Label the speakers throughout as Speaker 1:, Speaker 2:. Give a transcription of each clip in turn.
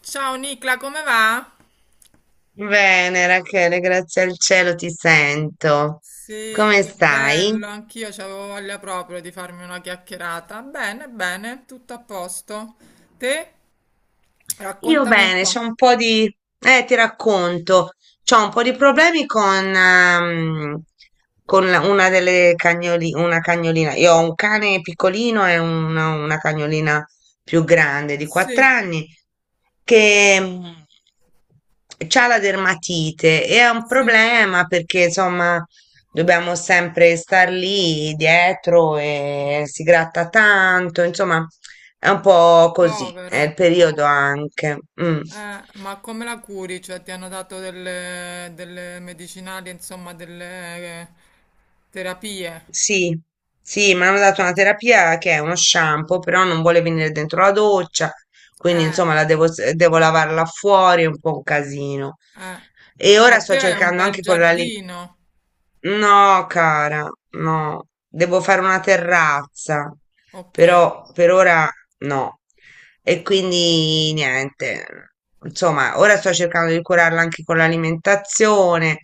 Speaker 1: Ciao Nicla, come va?
Speaker 2: Bene, Rachele, grazie al cielo ti sento.
Speaker 1: Sì,
Speaker 2: Come
Speaker 1: che
Speaker 2: stai?
Speaker 1: bello, anch'io c'avevo voglia proprio di farmi una chiacchierata. Bene, bene, tutto a posto. Te?
Speaker 2: Io
Speaker 1: Raccontami un
Speaker 2: bene,
Speaker 1: po'.
Speaker 2: c'ho un po' di. Ti racconto, c'ho un po' di problemi con, una cagnolina. Io ho un cane piccolino e una cagnolina più grande di 4
Speaker 1: Sì,
Speaker 2: anni che c'ha la dermatite e è un
Speaker 1: sì,
Speaker 2: problema perché insomma dobbiamo sempre star lì dietro e si gratta tanto, insomma è un po' così, è
Speaker 1: povera.
Speaker 2: il periodo anche. Mm.
Speaker 1: Ma come la curi? Cioè, ti hanno dato delle, delle medicinali, insomma, delle eh, terapie?
Speaker 2: Sì, sì, mi hanno dato una terapia che è uno shampoo, però non vuole venire dentro la doccia, quindi
Speaker 1: Eh,
Speaker 2: insomma la devo, devo lavarla fuori, è un po' un casino.
Speaker 1: eh.
Speaker 2: E
Speaker 1: Ma
Speaker 2: ora
Speaker 1: te
Speaker 2: sto
Speaker 1: hai un
Speaker 2: cercando
Speaker 1: bel
Speaker 2: anche con la.
Speaker 1: giardino?
Speaker 2: No, cara, no, devo fare una terrazza,
Speaker 1: Ok.
Speaker 2: però per ora no. E quindi niente, insomma, ora sto cercando di curarla anche con l'alimentazione.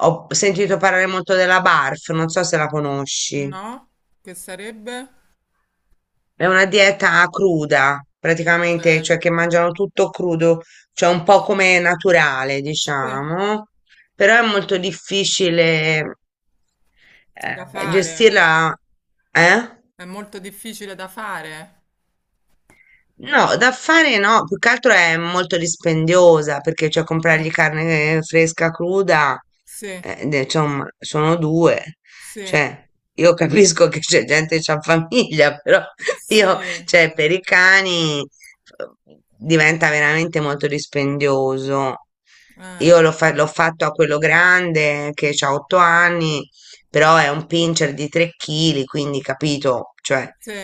Speaker 2: Ho sentito parlare molto della BARF, non so se la conosci.
Speaker 1: No? Che sarebbe?
Speaker 2: È una dieta cruda,
Speaker 1: Ok.
Speaker 2: praticamente, cioè che mangiano tutto crudo, cioè un po'
Speaker 1: Sì,
Speaker 2: come naturale,
Speaker 1: sì,
Speaker 2: diciamo, però è molto difficile
Speaker 1: da fare,
Speaker 2: gestirla, eh?
Speaker 1: è molto difficile da fare.
Speaker 2: No, da fare no, più che altro è molto dispendiosa perché cioè
Speaker 1: Eh,
Speaker 2: comprargli carne fresca cruda,
Speaker 1: sì,
Speaker 2: insomma, sono due.
Speaker 1: sì,
Speaker 2: Cioè, io capisco che c'è gente che ha famiglia, però
Speaker 1: sì,
Speaker 2: io, cioè, per i cani diventa veramente molto dispendioso. Io l'ho fatto a quello grande che ha 8 anni, però è un pincher di 3 kg, quindi capito, cioè
Speaker 1: sì,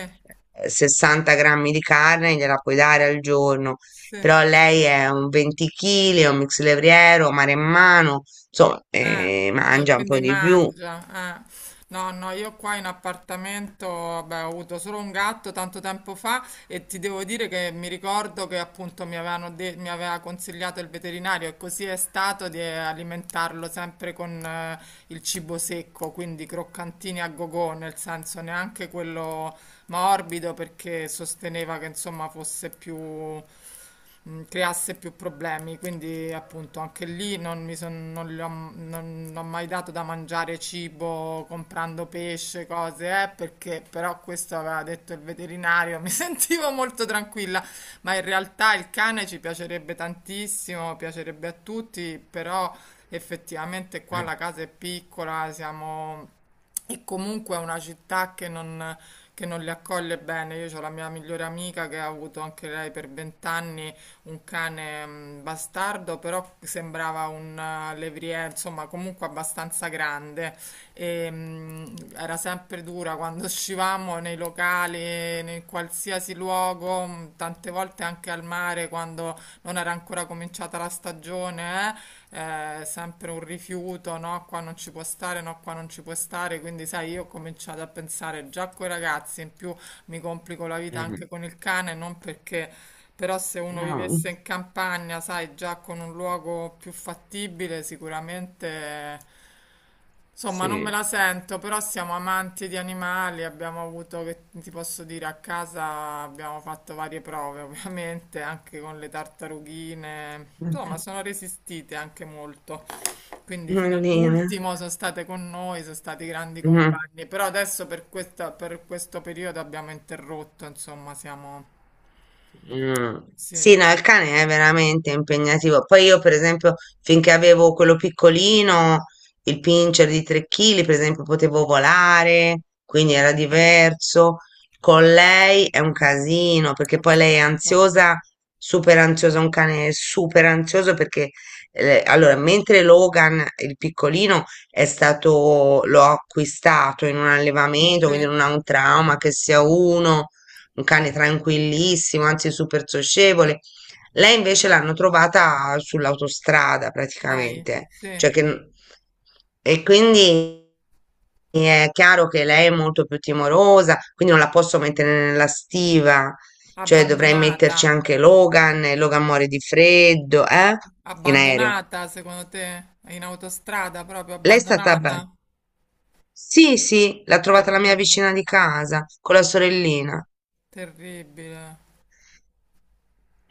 Speaker 2: 60 grammi di carne gliela puoi dare al giorno,
Speaker 1: sì.
Speaker 2: però lei è un 20 kg, è un mix levriero, maremmano, insomma,
Speaker 1: Eh,
Speaker 2: mangia un po'
Speaker 1: quindi
Speaker 2: di più.
Speaker 1: mangia. Eh. No, no, io qua in appartamento, vabbè, ho avuto solo un gatto tanto tempo fa e ti devo dire che mi ricordo che appunto mi aveva consigliato il veterinario e così è stato di alimentarlo sempre con il cibo secco, quindi croccantini a gogò, nel senso neanche quello morbido perché sosteneva che insomma fosse più creasse più problemi, quindi appunto anche lì non mi son- non gli ho, non- non ho mai dato da mangiare cibo comprando pesce, cose, perché però questo aveva detto il veterinario, mi sentivo molto tranquilla, ma in realtà il cane ci piacerebbe tantissimo, piacerebbe a tutti, però effettivamente qua la casa è piccola, siamo... E comunque è una città che non li accoglie bene. Io ho la mia migliore amica che ha avuto anche lei per vent'anni un cane bastardo, però sembrava un levrier, insomma, comunque abbastanza grande. E, era sempre dura quando uscivamo nei locali, in qualsiasi luogo, tante volte anche al mare quando non era ancora cominciata la stagione, sempre un rifiuto, no, qua non ci può stare, no, qua non ci può stare, quindi sai, io ho cominciato a pensare già coi ragazzi, in più mi complico la vita
Speaker 2: Mm.
Speaker 1: anche con il cane, non perché però se uno
Speaker 2: Ah,
Speaker 1: vivesse in campagna, sai, già con un luogo più fattibile, sicuramente... Insomma, non me
Speaker 2: sì.
Speaker 1: la sento, però siamo amanti di animali, abbiamo avuto, che ti posso dire, a casa abbiamo fatto varie prove, ovviamente, anche con le tartarughine. Insomma, sono resistite anche molto. Quindi fino
Speaker 2: Allina.
Speaker 1: all'ultimo sono state con noi, sono stati grandi
Speaker 2: Mm.
Speaker 1: compagni, però adesso per questo periodo abbiamo interrotto, insomma, siamo...
Speaker 2: Mm.
Speaker 1: Sì.
Speaker 2: Sì, no, il cane è veramente impegnativo. Poi io, per esempio, finché avevo quello piccolino, il pincher di 3 kg, per esempio, potevo volare, quindi era diverso. Con lei è un casino, perché
Speaker 1: Ma
Speaker 2: poi lei è
Speaker 1: certo,
Speaker 2: ansiosa, super ansiosa, un cane super ansioso perché allora, mentre Logan, il piccolino, è stato, l'ho acquistato in un allevamento,
Speaker 1: sì,
Speaker 2: quindi non ha un trauma che sia uno un cane tranquillissimo, anzi super socievole. Lei invece l'hanno trovata sull'autostrada
Speaker 1: dai,
Speaker 2: praticamente,
Speaker 1: sì,
Speaker 2: cioè che, e quindi è chiaro che lei è molto più timorosa, quindi non la posso mettere nella stiva, cioè dovrei
Speaker 1: abbandonata,
Speaker 2: metterci anche Logan, e Logan muore di freddo, eh? In aereo.
Speaker 1: abbandonata secondo te, in autostrada proprio
Speaker 2: Lei è stata bella.
Speaker 1: abbandonata,
Speaker 2: Sì, sì, l'ha trovata la mia
Speaker 1: terribile,
Speaker 2: vicina di casa con la sorellina.
Speaker 1: terribile,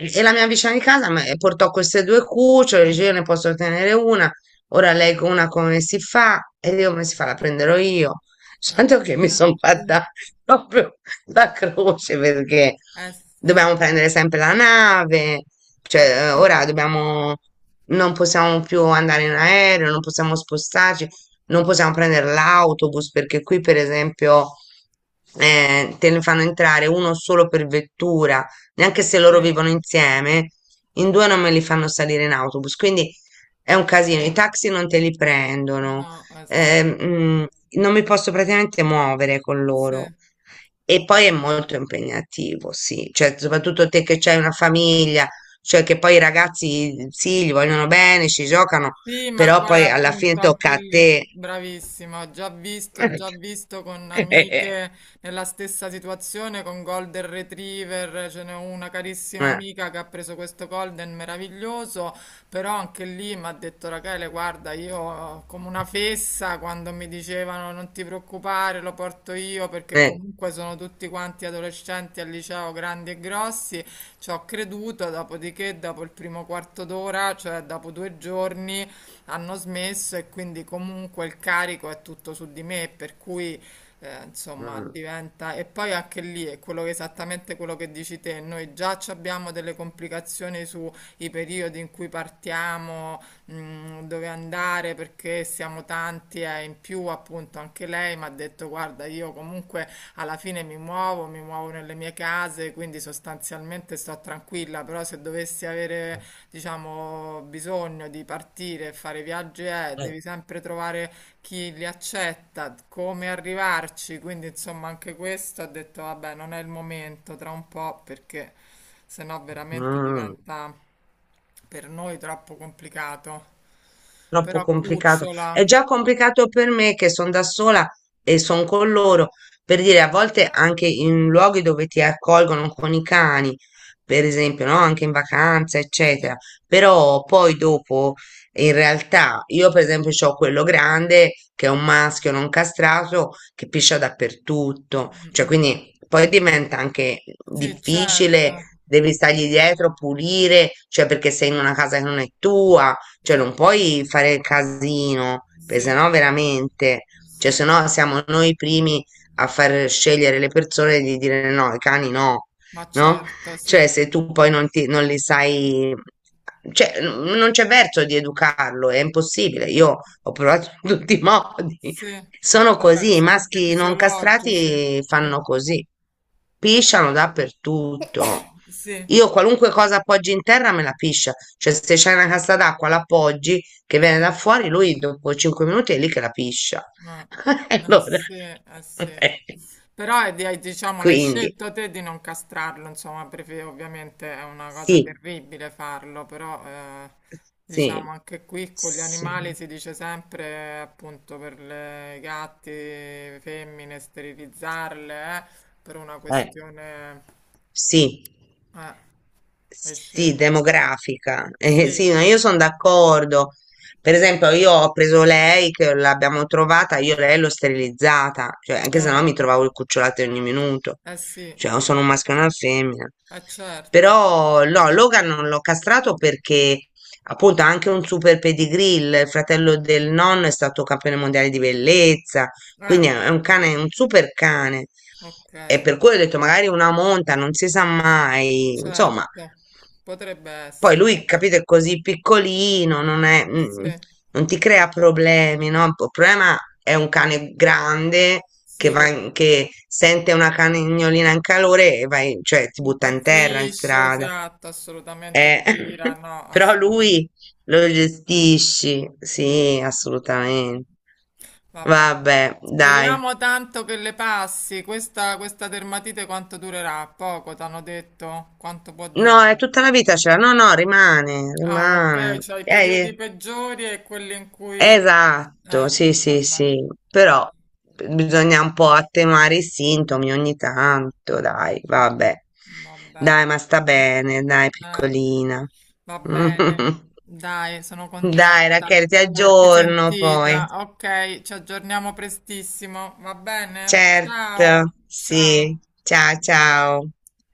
Speaker 2: E la mia vicina di casa portò queste due cucciole, dice io ne posso tenere una, ora lei con una come si fa? E io come si fa? La prenderò io.
Speaker 1: eh
Speaker 2: Tanto che mi sono
Speaker 1: eh,
Speaker 2: fatta proprio la croce perché
Speaker 1: sì, eh
Speaker 2: dobbiamo prendere sempre la nave,
Speaker 1: sì,
Speaker 2: cioè
Speaker 1: eh
Speaker 2: ora
Speaker 1: sì,
Speaker 2: dobbiamo, non possiamo più andare in aereo, non possiamo spostarci, non possiamo prendere l'autobus perché qui per esempio te ne fanno entrare uno solo per vettura neanche se loro
Speaker 1: sì,
Speaker 2: vivono insieme, in due non me li fanno salire in autobus, quindi è un casino. I taxi non te li prendono,
Speaker 1: no, esatto,
Speaker 2: ehm, mm, non mi posso praticamente muovere con
Speaker 1: sì.
Speaker 2: loro. E poi è molto impegnativo, sì, cioè soprattutto te che c'hai una famiglia, cioè che poi i ragazzi sì, gli vogliono bene, ci giocano,
Speaker 1: Sì, ma
Speaker 2: però
Speaker 1: guarda,
Speaker 2: poi alla fine
Speaker 1: appunto,
Speaker 2: tocca
Speaker 1: anche
Speaker 2: a
Speaker 1: lì,
Speaker 2: te.
Speaker 1: bravissima, ho già visto con
Speaker 2: Eh, eh,
Speaker 1: amiche nella stessa situazione con Golden Retriever, ce n'è una carissima amica che ha preso questo Golden meraviglioso, però anche lì mi ha detto Rachele, guarda, io come una fessa quando mi dicevano non ti preoccupare, lo porto io perché comunque sono tutti quanti adolescenti al liceo, grandi e grossi, ci ho creduto, dopodiché dopo il primo quarto d'ora, cioè dopo due giorni, hanno smesso e quindi comunque il carico è tutto su di me, per cui insomma
Speaker 2: mm,
Speaker 1: diventa... E poi anche lì è esattamente quello che dici te, noi già ci abbiamo delle complicazioni sui periodi in cui partiamo, mm, dove andare, perché siamo tanti e in più appunto anche lei mi ha detto guarda io comunque alla fine mi muovo nelle mie case, quindi sostanzialmente sto tranquilla, però se dovessi avere diciamo, bisogno di partire e fare viaggi è,
Speaker 2: mm,
Speaker 1: devi sempre trovare chi li accetta, come arrivarci, quindi insomma anche questo ho detto, vabbè, non è il momento, tra un po', perché sennò veramente
Speaker 2: mm.
Speaker 1: diventa per noi troppo complicato.
Speaker 2: Troppo
Speaker 1: Però
Speaker 2: complicato. È
Speaker 1: cucciola.
Speaker 2: già complicato per me che sono da sola e sono con loro. Per dire, a volte anche in luoghi dove ti accolgono con i cani, per esempio, no? Anche in vacanza,
Speaker 1: Sì,
Speaker 2: eccetera. Però poi dopo, in realtà, io per esempio ho quello grande che è un maschio non castrato che piscia dappertutto.
Speaker 1: mm,
Speaker 2: Cioè,
Speaker 1: mm.
Speaker 2: quindi poi diventa anche
Speaker 1: Sì,
Speaker 2: difficile,
Speaker 1: certo.
Speaker 2: devi stargli dietro, pulire, cioè perché sei in una casa che non è tua, cioè,
Speaker 1: Sì,
Speaker 2: non
Speaker 1: sì,
Speaker 2: puoi fare il casino, perché
Speaker 1: sì,
Speaker 2: sennò veramente, cioè,
Speaker 1: sì,
Speaker 2: sennò siamo noi i primi a far scegliere le persone di dire no, i cani no,
Speaker 1: ma
Speaker 2: no?
Speaker 1: certo, sì.
Speaker 2: Cioè, se tu poi non li sai, cioè, non c'è verso di educarlo, è impossibile. Io ho provato in tutti i modi.
Speaker 1: Sì,
Speaker 2: Sono
Speaker 1: vabbè,
Speaker 2: così, i
Speaker 1: sono anche
Speaker 2: maschi non
Speaker 1: fisiologici.
Speaker 2: castrati
Speaker 1: Sì,
Speaker 2: fanno così. Pisciano dappertutto.
Speaker 1: sì,
Speaker 2: Io qualunque cosa appoggi in terra me la piscia. Cioè, se c'è una cassa d'acqua, la appoggi che viene
Speaker 1: sì.
Speaker 2: da fuori, lui dopo 5 minuti è lì che la piscia.
Speaker 1: Ma, eh
Speaker 2: Allora,
Speaker 1: sì, eh sì. Però diciamo, l'hai
Speaker 2: quindi,
Speaker 1: scelto te di non castrarlo, insomma, perché ovviamente è una cosa
Speaker 2: sì,
Speaker 1: terribile farlo, però
Speaker 2: sì,
Speaker 1: diciamo anche qui con gli
Speaker 2: sì.
Speaker 1: animali si dice sempre appunto per le gatti, femmine, sterilizzarle, per una
Speaker 2: Eh,
Speaker 1: questione...
Speaker 2: sì.
Speaker 1: Eh, hai
Speaker 2: Sì,
Speaker 1: scelto.
Speaker 2: demografica.
Speaker 1: Sì,
Speaker 2: Sì, ma io sono d'accordo. Per esempio, io ho preso lei, che l'abbiamo trovata, io lei l'ho sterilizzata, cioè, anche se
Speaker 1: eh,
Speaker 2: no mi trovavo il cucciolato ogni minuto.
Speaker 1: eh sì,
Speaker 2: Cioè, o sono un maschio e una femmina.
Speaker 1: eh certo.
Speaker 2: Però, no, Logan non l'ho castrato perché, appunto, ha anche un super pedigree, il fratello del nonno è stato campione mondiale di bellezza, quindi
Speaker 1: Ah,
Speaker 2: è un cane, è un super cane.
Speaker 1: ok,
Speaker 2: E per cui ho detto, magari una monta, non si sa mai. Insomma,
Speaker 1: certo. Potrebbe
Speaker 2: poi
Speaker 1: essere,
Speaker 2: lui,
Speaker 1: vabbè.
Speaker 2: capito, è così piccolino, non è,
Speaker 1: Sì,
Speaker 2: non ti crea problemi, no? Il problema è un cane grande che,
Speaker 1: sì, che
Speaker 2: che sente una cagnolina in calore e vai, cioè, ti butta in terra, in
Speaker 1: impazzisce,
Speaker 2: strada.
Speaker 1: esatto, assolutamente
Speaker 2: Eh,
Speaker 1: ti tira, no,
Speaker 2: però
Speaker 1: assolutamente.
Speaker 2: lui lo gestisci,
Speaker 1: Mm.
Speaker 2: sì, assolutamente.
Speaker 1: Vabbè.
Speaker 2: Vabbè, dai.
Speaker 1: Speriamo tanto che le passi. Questa dermatite quanto durerà? Poco, t'hanno detto? Quanto può
Speaker 2: No, è
Speaker 1: durare?
Speaker 2: tutta la vita ce l'ha. No, no, rimane,
Speaker 1: Ah, ok,
Speaker 2: rimane.
Speaker 1: c'hai i periodi peggiori e quelli in cui...
Speaker 2: Esatto, sì, sì,
Speaker 1: vabbè.
Speaker 2: sì. Però bisogna un po' attenuare i sintomi ogni tanto, dai,
Speaker 1: Mm,
Speaker 2: vabbè.
Speaker 1: vabbè.
Speaker 2: Dai, ma sta
Speaker 1: No.
Speaker 2: bene, dai,
Speaker 1: Eh,
Speaker 2: piccolina.
Speaker 1: va bene. Dai, sono
Speaker 2: Dai,
Speaker 1: contenta
Speaker 2: Rachele, ti
Speaker 1: di averti
Speaker 2: aggiorno poi.
Speaker 1: sentita. Ok, ci aggiorniamo prestissimo, va bene? Ciao,
Speaker 2: Certo,
Speaker 1: ciao.
Speaker 2: sì. Ciao, ciao.